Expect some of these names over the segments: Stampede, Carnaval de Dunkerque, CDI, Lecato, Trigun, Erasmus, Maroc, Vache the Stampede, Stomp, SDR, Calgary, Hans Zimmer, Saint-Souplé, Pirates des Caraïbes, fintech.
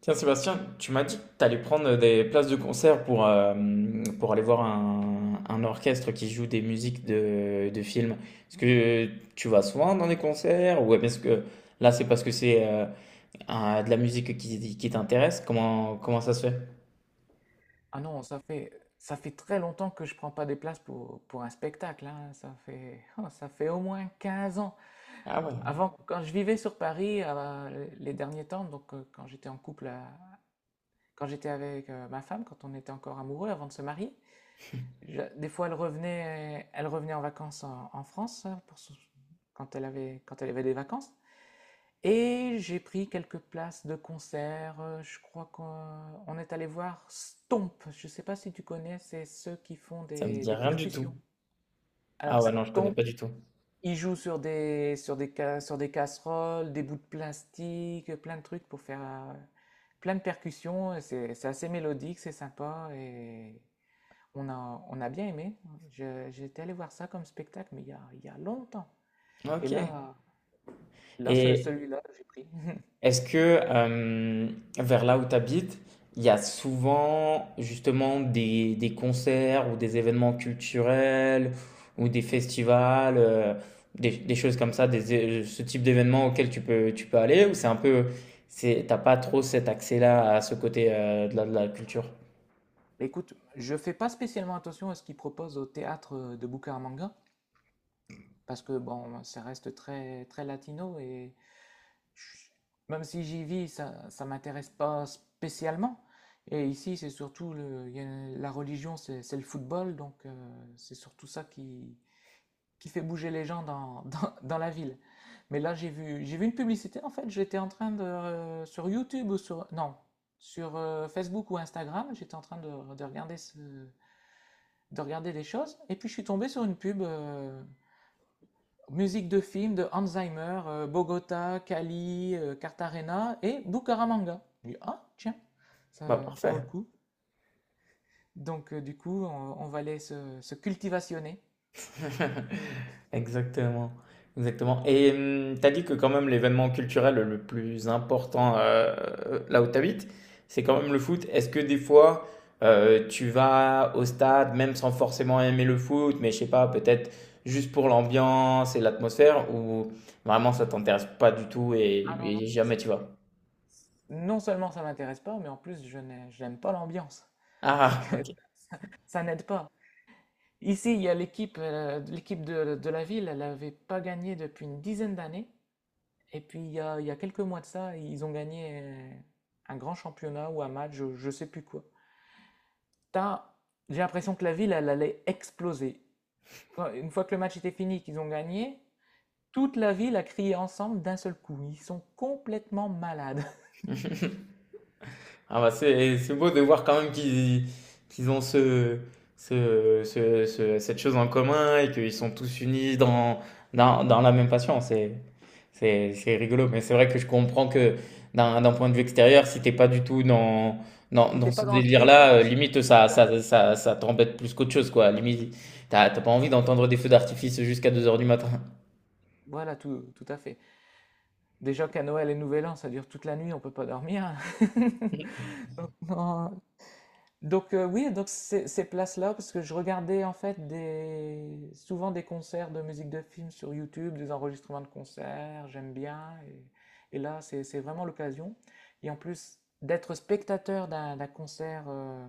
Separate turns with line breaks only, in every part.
Tiens, Sébastien, tu m'as dit que tu allais prendre des places de concert pour aller voir un orchestre qui joue des musiques de films. Est-ce que tu vas souvent dans des concerts ou est-ce que là, c'est parce que c'est de la musique qui t'intéresse? Comment ça se fait?
Ah non, ça fait très longtemps que je prends pas des places pour un spectacle, hein. Ça fait, ça fait au moins 15 ans.
Ah ouais,
Avant, quand je vivais sur Paris, les derniers temps, donc quand j'étais en couple, quand j'étais avec ma femme, quand on était encore amoureux avant de se marier, des fois elle revenait en vacances en, en France hein, quand quand elle avait des vacances. Et j'ai pris quelques places de concert. Je crois qu'on est allé voir Stomp. Je ne sais pas si tu connais, c'est ceux qui font
ça me dit
des
rien du tout.
percussions.
Ah
Alors
ouais, non, je connais
Stomp,
pas du tout.
ils jouent sur des, sur des, sur des casseroles, des bouts de plastique, plein de trucs pour faire plein de percussions. C'est assez mélodique, c'est sympa et on a bien aimé. J'étais allé voir ça comme spectacle, mais il y a longtemps. Et
Ok.
là,
Et,
celui-là, j'ai pris.
Est-ce que euh, vers là où tu habites, il y a souvent justement des concerts ou des événements culturels ou des festivals, des choses comme ça, ce type d'événements auxquels tu peux aller ou c'est un peu, c'est, t'as pas trop cet accès-là à ce côté de de la culture?
Bah, écoute, je fais pas spécialement attention à ce qu'ils proposent au théâtre de Bucaramanga, parce que bon, ça reste très très latino et je- même si j'y vis, ça m'intéresse pas spécialement. Et ici, c'est surtout le, il y a- la religion, c'est le football, donc c'est surtout ça qui fait bouger les gens dans, dans, dans la ville. Mais là, j'ai vu une publicité. En fait, j'étais en train de sur YouTube ou sur non sur Facebook ou Instagram, j'étais en train de regarder ce de regarder des choses. Et puis je suis tombé sur une pub musique de film de Hans Zimmer, Bogota, Cali, Cartagena et Bucaramanga. Je me dis, ah, tiens, ça,
Bah
ça vaut
parfait.
le coup. Donc du coup, on va aller se cultivationner.
Exactement, exactement. Et t'as dit que quand même l'événement culturel le plus important là où t'habites, c'est quand même le foot. Est-ce que des fois tu vas au stade même sans forcément aimer le foot, mais je sais pas, peut-être juste pour l'ambiance et l'atmosphère, ou vraiment ça t'intéresse pas du tout et jamais
C'est-
tu vas?
Non seulement ça m'intéresse pas, mais en plus, je n'aime pas l'ambiance. Donc
Ah, ok.
ça, ça n'aide pas. Ici, il y a l'équipe, l'équipe de la ville, elle n'avait pas gagné depuis une dizaine d'années. Et puis il y a quelques mois de ça, ils ont gagné un grand championnat ou un match, je sais plus quoi. T'as- J'ai l'impression que la ville, elle allait exploser. Une fois que le match était fini, qu'ils ont gagné, toute la ville a crié ensemble d'un seul coup. Ils sont complètement malades.
Ah bah c'est beau de voir quand même qu'ils ont cette chose en commun et qu'ils sont tous unis dans, dans la même passion. C'est, c'est rigolo. Mais c'est vrai que je comprends que d'un point de vue extérieur, si t'es pas du tout dans, dans
C'était pas
ce
dans le trip,
délire-là,
non,
limite
c'est bizarre.
ça t'embête plus qu'autre chose, quoi. Limite, t'as pas envie d'entendre des feux d'artifice jusqu'à 2 heures du matin.
Voilà, tout, tout à fait. Déjà qu'à Noël et Nouvel An, ça dure toute la nuit, on peut pas dormir. Non, donc oui, donc ces, ces places-là, parce que je regardais en fait des, souvent des concerts de musique de film sur YouTube, des enregistrements de concerts, j'aime bien. Et là, c'est vraiment l'occasion. Et en plus, d'être spectateur d'un concert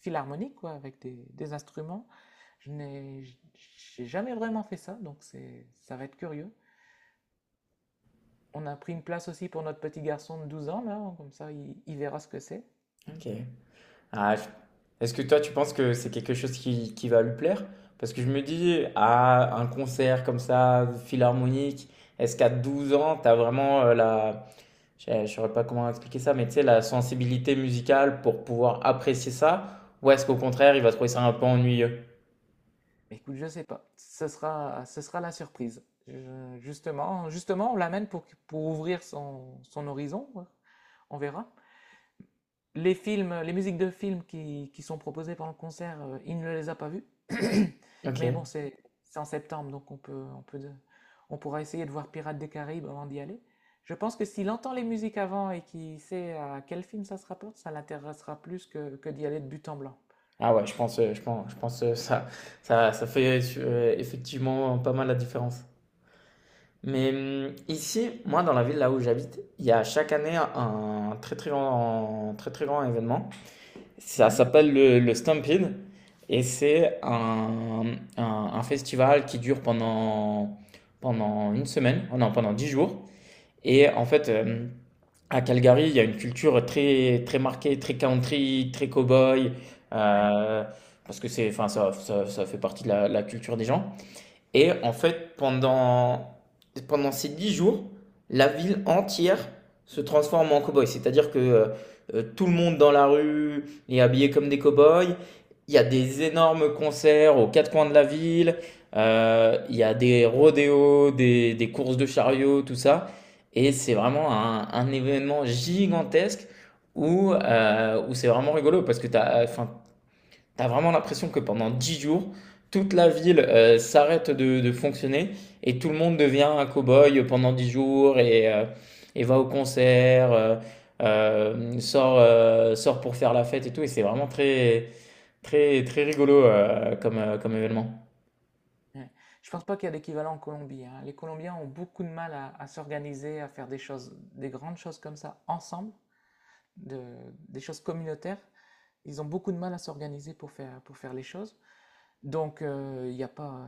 philharmonique, quoi, avec des instruments, je n'ai j- j'ai jamais vraiment fait ça, donc c'est, ça va être curieux. On a pris une place aussi pour notre petit garçon de 12 ans, là, comme ça, il verra ce que c'est.
Ok. Ah, Est-ce que toi, tu penses que c'est quelque chose qui va lui plaire? Parce que je me dis, à un concert comme ça, philharmonique, est-ce qu'à 12 ans, t'as vraiment la... Je ne saurais pas comment expliquer ça, mais tu sais, la sensibilité musicale pour pouvoir apprécier ça? Ou est-ce qu'au contraire, il va trouver ça un peu ennuyeux?
Mais écoute, je sais pas. Ce sera la surprise. Justement, on l'amène pour ouvrir son, son horizon. Ouais. On verra. Les films, les musiques de films qui sont proposées pendant le concert, il ne les a pas vues. Mais bon,
Ok.
c'est en septembre, donc on peut, on peut, on pourra essayer de voir Pirates des Caraïbes avant d'y aller. Je pense que s'il entend les musiques avant et qu'il sait à quel film ça se rapporte, ça l'intéressera plus que d'y aller de but en blanc.
Ah ouais, je pense, je pense, je pense ça fait effectivement pas mal la différence. Mais ici, moi, dans la ville là où j'habite, il y a chaque année un très très grand événement. Ça
Mhm.
s'appelle le Stampede et c'est un, un festival qui dure pendant, pendant une semaine, oh non, pendant 10 jours. Et en fait, à Calgary, il y a une culture très très marquée, très country, très cowboy,
Ouais.
euh, parce que c'est, enfin, ça fait partie de la culture des gens. Et en fait, pendant, pendant ces 10 jours, la ville entière se transforme en cow-boy. C'est-à-dire que tout le monde dans la rue est habillé comme des cow-boys. Il y a des énormes concerts aux quatre coins de la ville. Il y a des rodéos, des courses de chariots, tout ça. Et c'est vraiment un événement gigantesque où, où c'est vraiment rigolo parce que t'as, enfin, t'as vraiment l'impression que pendant 10 jours, toute la ville s'arrête de fonctionner et tout le monde devient un cow-boy pendant 10 jours et va au concert, sort, sort pour faire la fête et tout. Et c'est vraiment très, très, très rigolo comme, comme événement.
Ouais. Je pense pas qu'il y a d'équivalent en Colombie, hein. Les Colombiens ont beaucoup de mal à s'organiser, à faire des choses, des grandes choses comme ça ensemble, de- des choses communautaires. Ils ont beaucoup de mal à s'organiser pour faire les choses. Donc, il n'y a pas,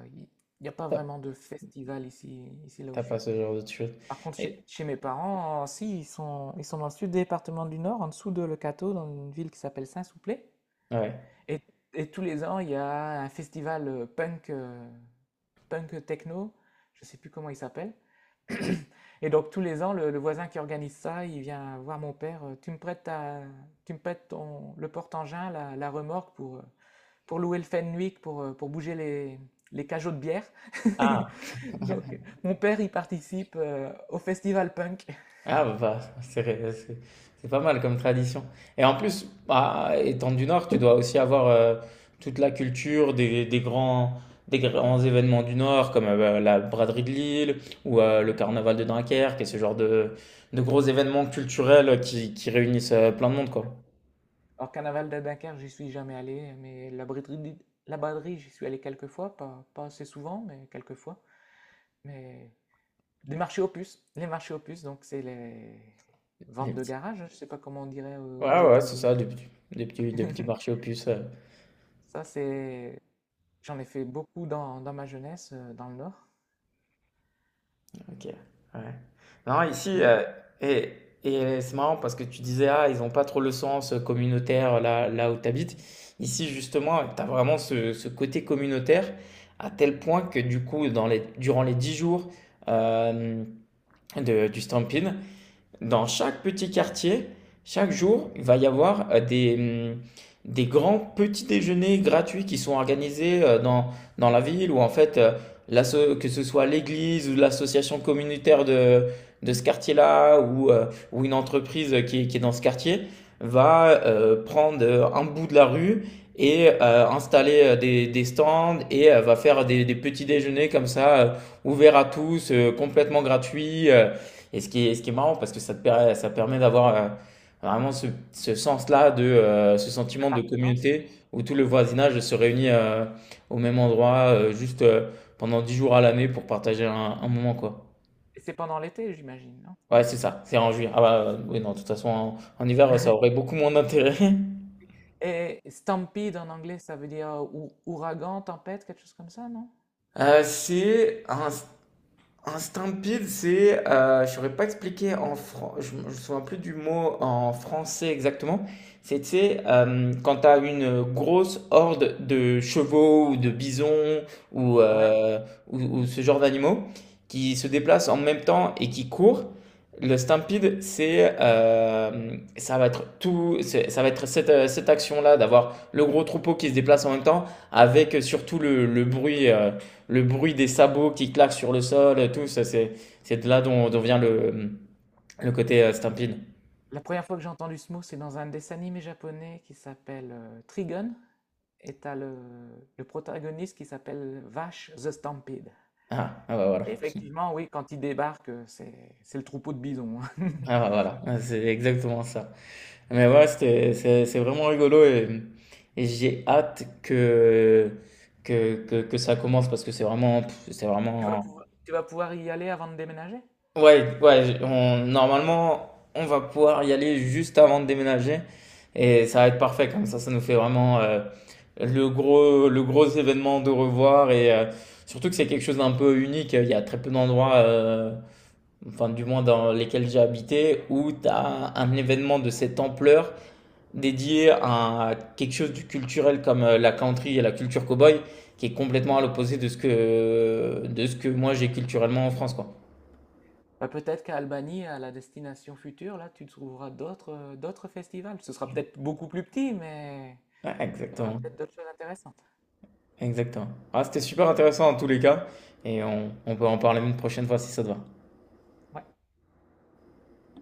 il y a pas
T'as
vraiment de festival ici, ici là où
t'as
je
pas
suis.
ce genre de choses.
Par contre, chez,
Et-
chez mes parents, si, ils sont dans le sud du département du Nord, en dessous de Lecato, dans une ville qui s'appelle Saint-Souplé.
Ouais.
Et, et tous les ans, il y a un festival punk. Punk techno, je ne sais plus comment il s'appelle. Et donc tous les ans, le voisin qui organise ça, il vient voir mon père. Tu me prêtes, le porte-engin, la remorque pour louer le Fenwick, pour bouger les cajots de bière.
Ah,
Donc mon père, il participe au festival punk.
Ah bah, bah, c'est c'est pas mal comme tradition. Et en plus, bah, étant du Nord, tu dois aussi avoir toute la culture des grands événements du Nord, comme bah, la braderie de Lille ou le
Hein.
carnaval de Dunkerque et ce genre de gros événements culturels qui réunissent plein de monde, quoi.
Alors Carnaval de Dunkerque, j'y suis jamais allé, mais la braderie, j'y suis allé quelques fois, pas, pas assez souvent, mais quelques fois. Mais des marchés aux puces. Les marchés aux puces, donc c'est les
Des
ventes de
petits-
garage, je ne sais pas comment on dirait aux
Ouais, ouais, c'est
États-Unis.
ça, des petits marchés aux puces.
Ça, c'est... J'en ai fait beaucoup dans, dans ma jeunesse, dans le Nord.
OK, ouais. Non, ici,
Mais
et et c'est marrant parce que tu disais: «Ah, ils ont pas trop le sens, communautaire là où tu habites». Ici, justement, tu as vraiment ce côté communautaire à tel point que du coup, dans les durant les 10 jours, hem, de du Stampin', dans chaque petit quartier, chaque jour, il va y avoir des grands petits déjeuners gratuits qui sont organisés dans, dans la ville ou en fait, que ce soit l'église ou l'association communautaire de ce quartier-là ou une entreprise qui est dans ce quartier va prendre un bout de la rue et installer des stands et va faire des petits déjeuners comme ça, ouverts à tous, complètement gratuits. Et ce qui est marrant, parce que ça permet d'avoir vraiment ce, ce sens-là, de, ce sentiment de
l'appartenance,
communauté
oui.
où tout le voisinage se réunit au même endroit, juste pendant 10 jours à l'année pour partager un moment, quoi.
Et c'est pendant l'été, j'imagine, non?
Ouais, c'est ça, c'est en juillet. Ah bah, oui, non, de toute façon, en, en hiver, ça aurait beaucoup moins d'intérêt.
Et stampede en anglais, ça veut dire ouragan, tempête, quelque chose comme ça, non?
C'est un stampede, c'est, je saurais pas expliquer en me je me souviens plus du mot en français exactement. C'était quand t'as une grosse horde de chevaux ou de bisons ou,
Ouais.
euh, ou ce genre d'animaux qui se déplacent en même temps et qui courent. Le stampede, c'est, ça va être tout, ça va être cette, cette action-là d'avoir le gros troupeau qui se déplace en même temps avec surtout le bruit. Le bruit des sabots qui claquent sur le sol, tout ça, c'est de là dont vient le côté Stampin'.
La première fois que j'ai entendu ce mot, c'est dans un dessin animé japonais qui s'appelle Trigun. Et t'as le protagoniste qui s'appelle Vache the Stampede.
Ah, ah bah
Et
voilà.
effectivement, oui, quand ils débarquent, c'est le troupeau de bisons. Hein.
Ah bah voilà. Ah, c'est exactement ça. Mais ouais, c'était, c'est vraiment rigolo et j'ai hâte que ça commence parce que c'est vraiment, pff, c'est vraiment
Tu vas pouvoir y aller avant de déménager?
ouais, ouais, on, normalement, on va pouvoir y aller juste avant de déménager et ça va être parfait comme ça nous fait vraiment le gros événement de revoir et surtout que c'est quelque chose d'un peu unique. Il y a très peu d'endroits, enfin du moins dans lesquels j'ai habité, où tu as un événement de cette ampleur dédié à quelque chose du culturel comme la country et la culture cowboy qui est complètement à l'opposé de ce que moi j'ai culturellement en France, quoi.
Bah, peut-être qu'à Albanie, à la destination future, là, tu trouveras d'autres d'autres festivals. Ce sera peut-être beaucoup plus petit, mais
Ouais,
il y aura
exactement.
peut-être d'autres choses intéressantes.
Exactement. Ah, c'était super intéressant en tous les cas, et on peut en parler une prochaine fois si ça te va.
Ouais.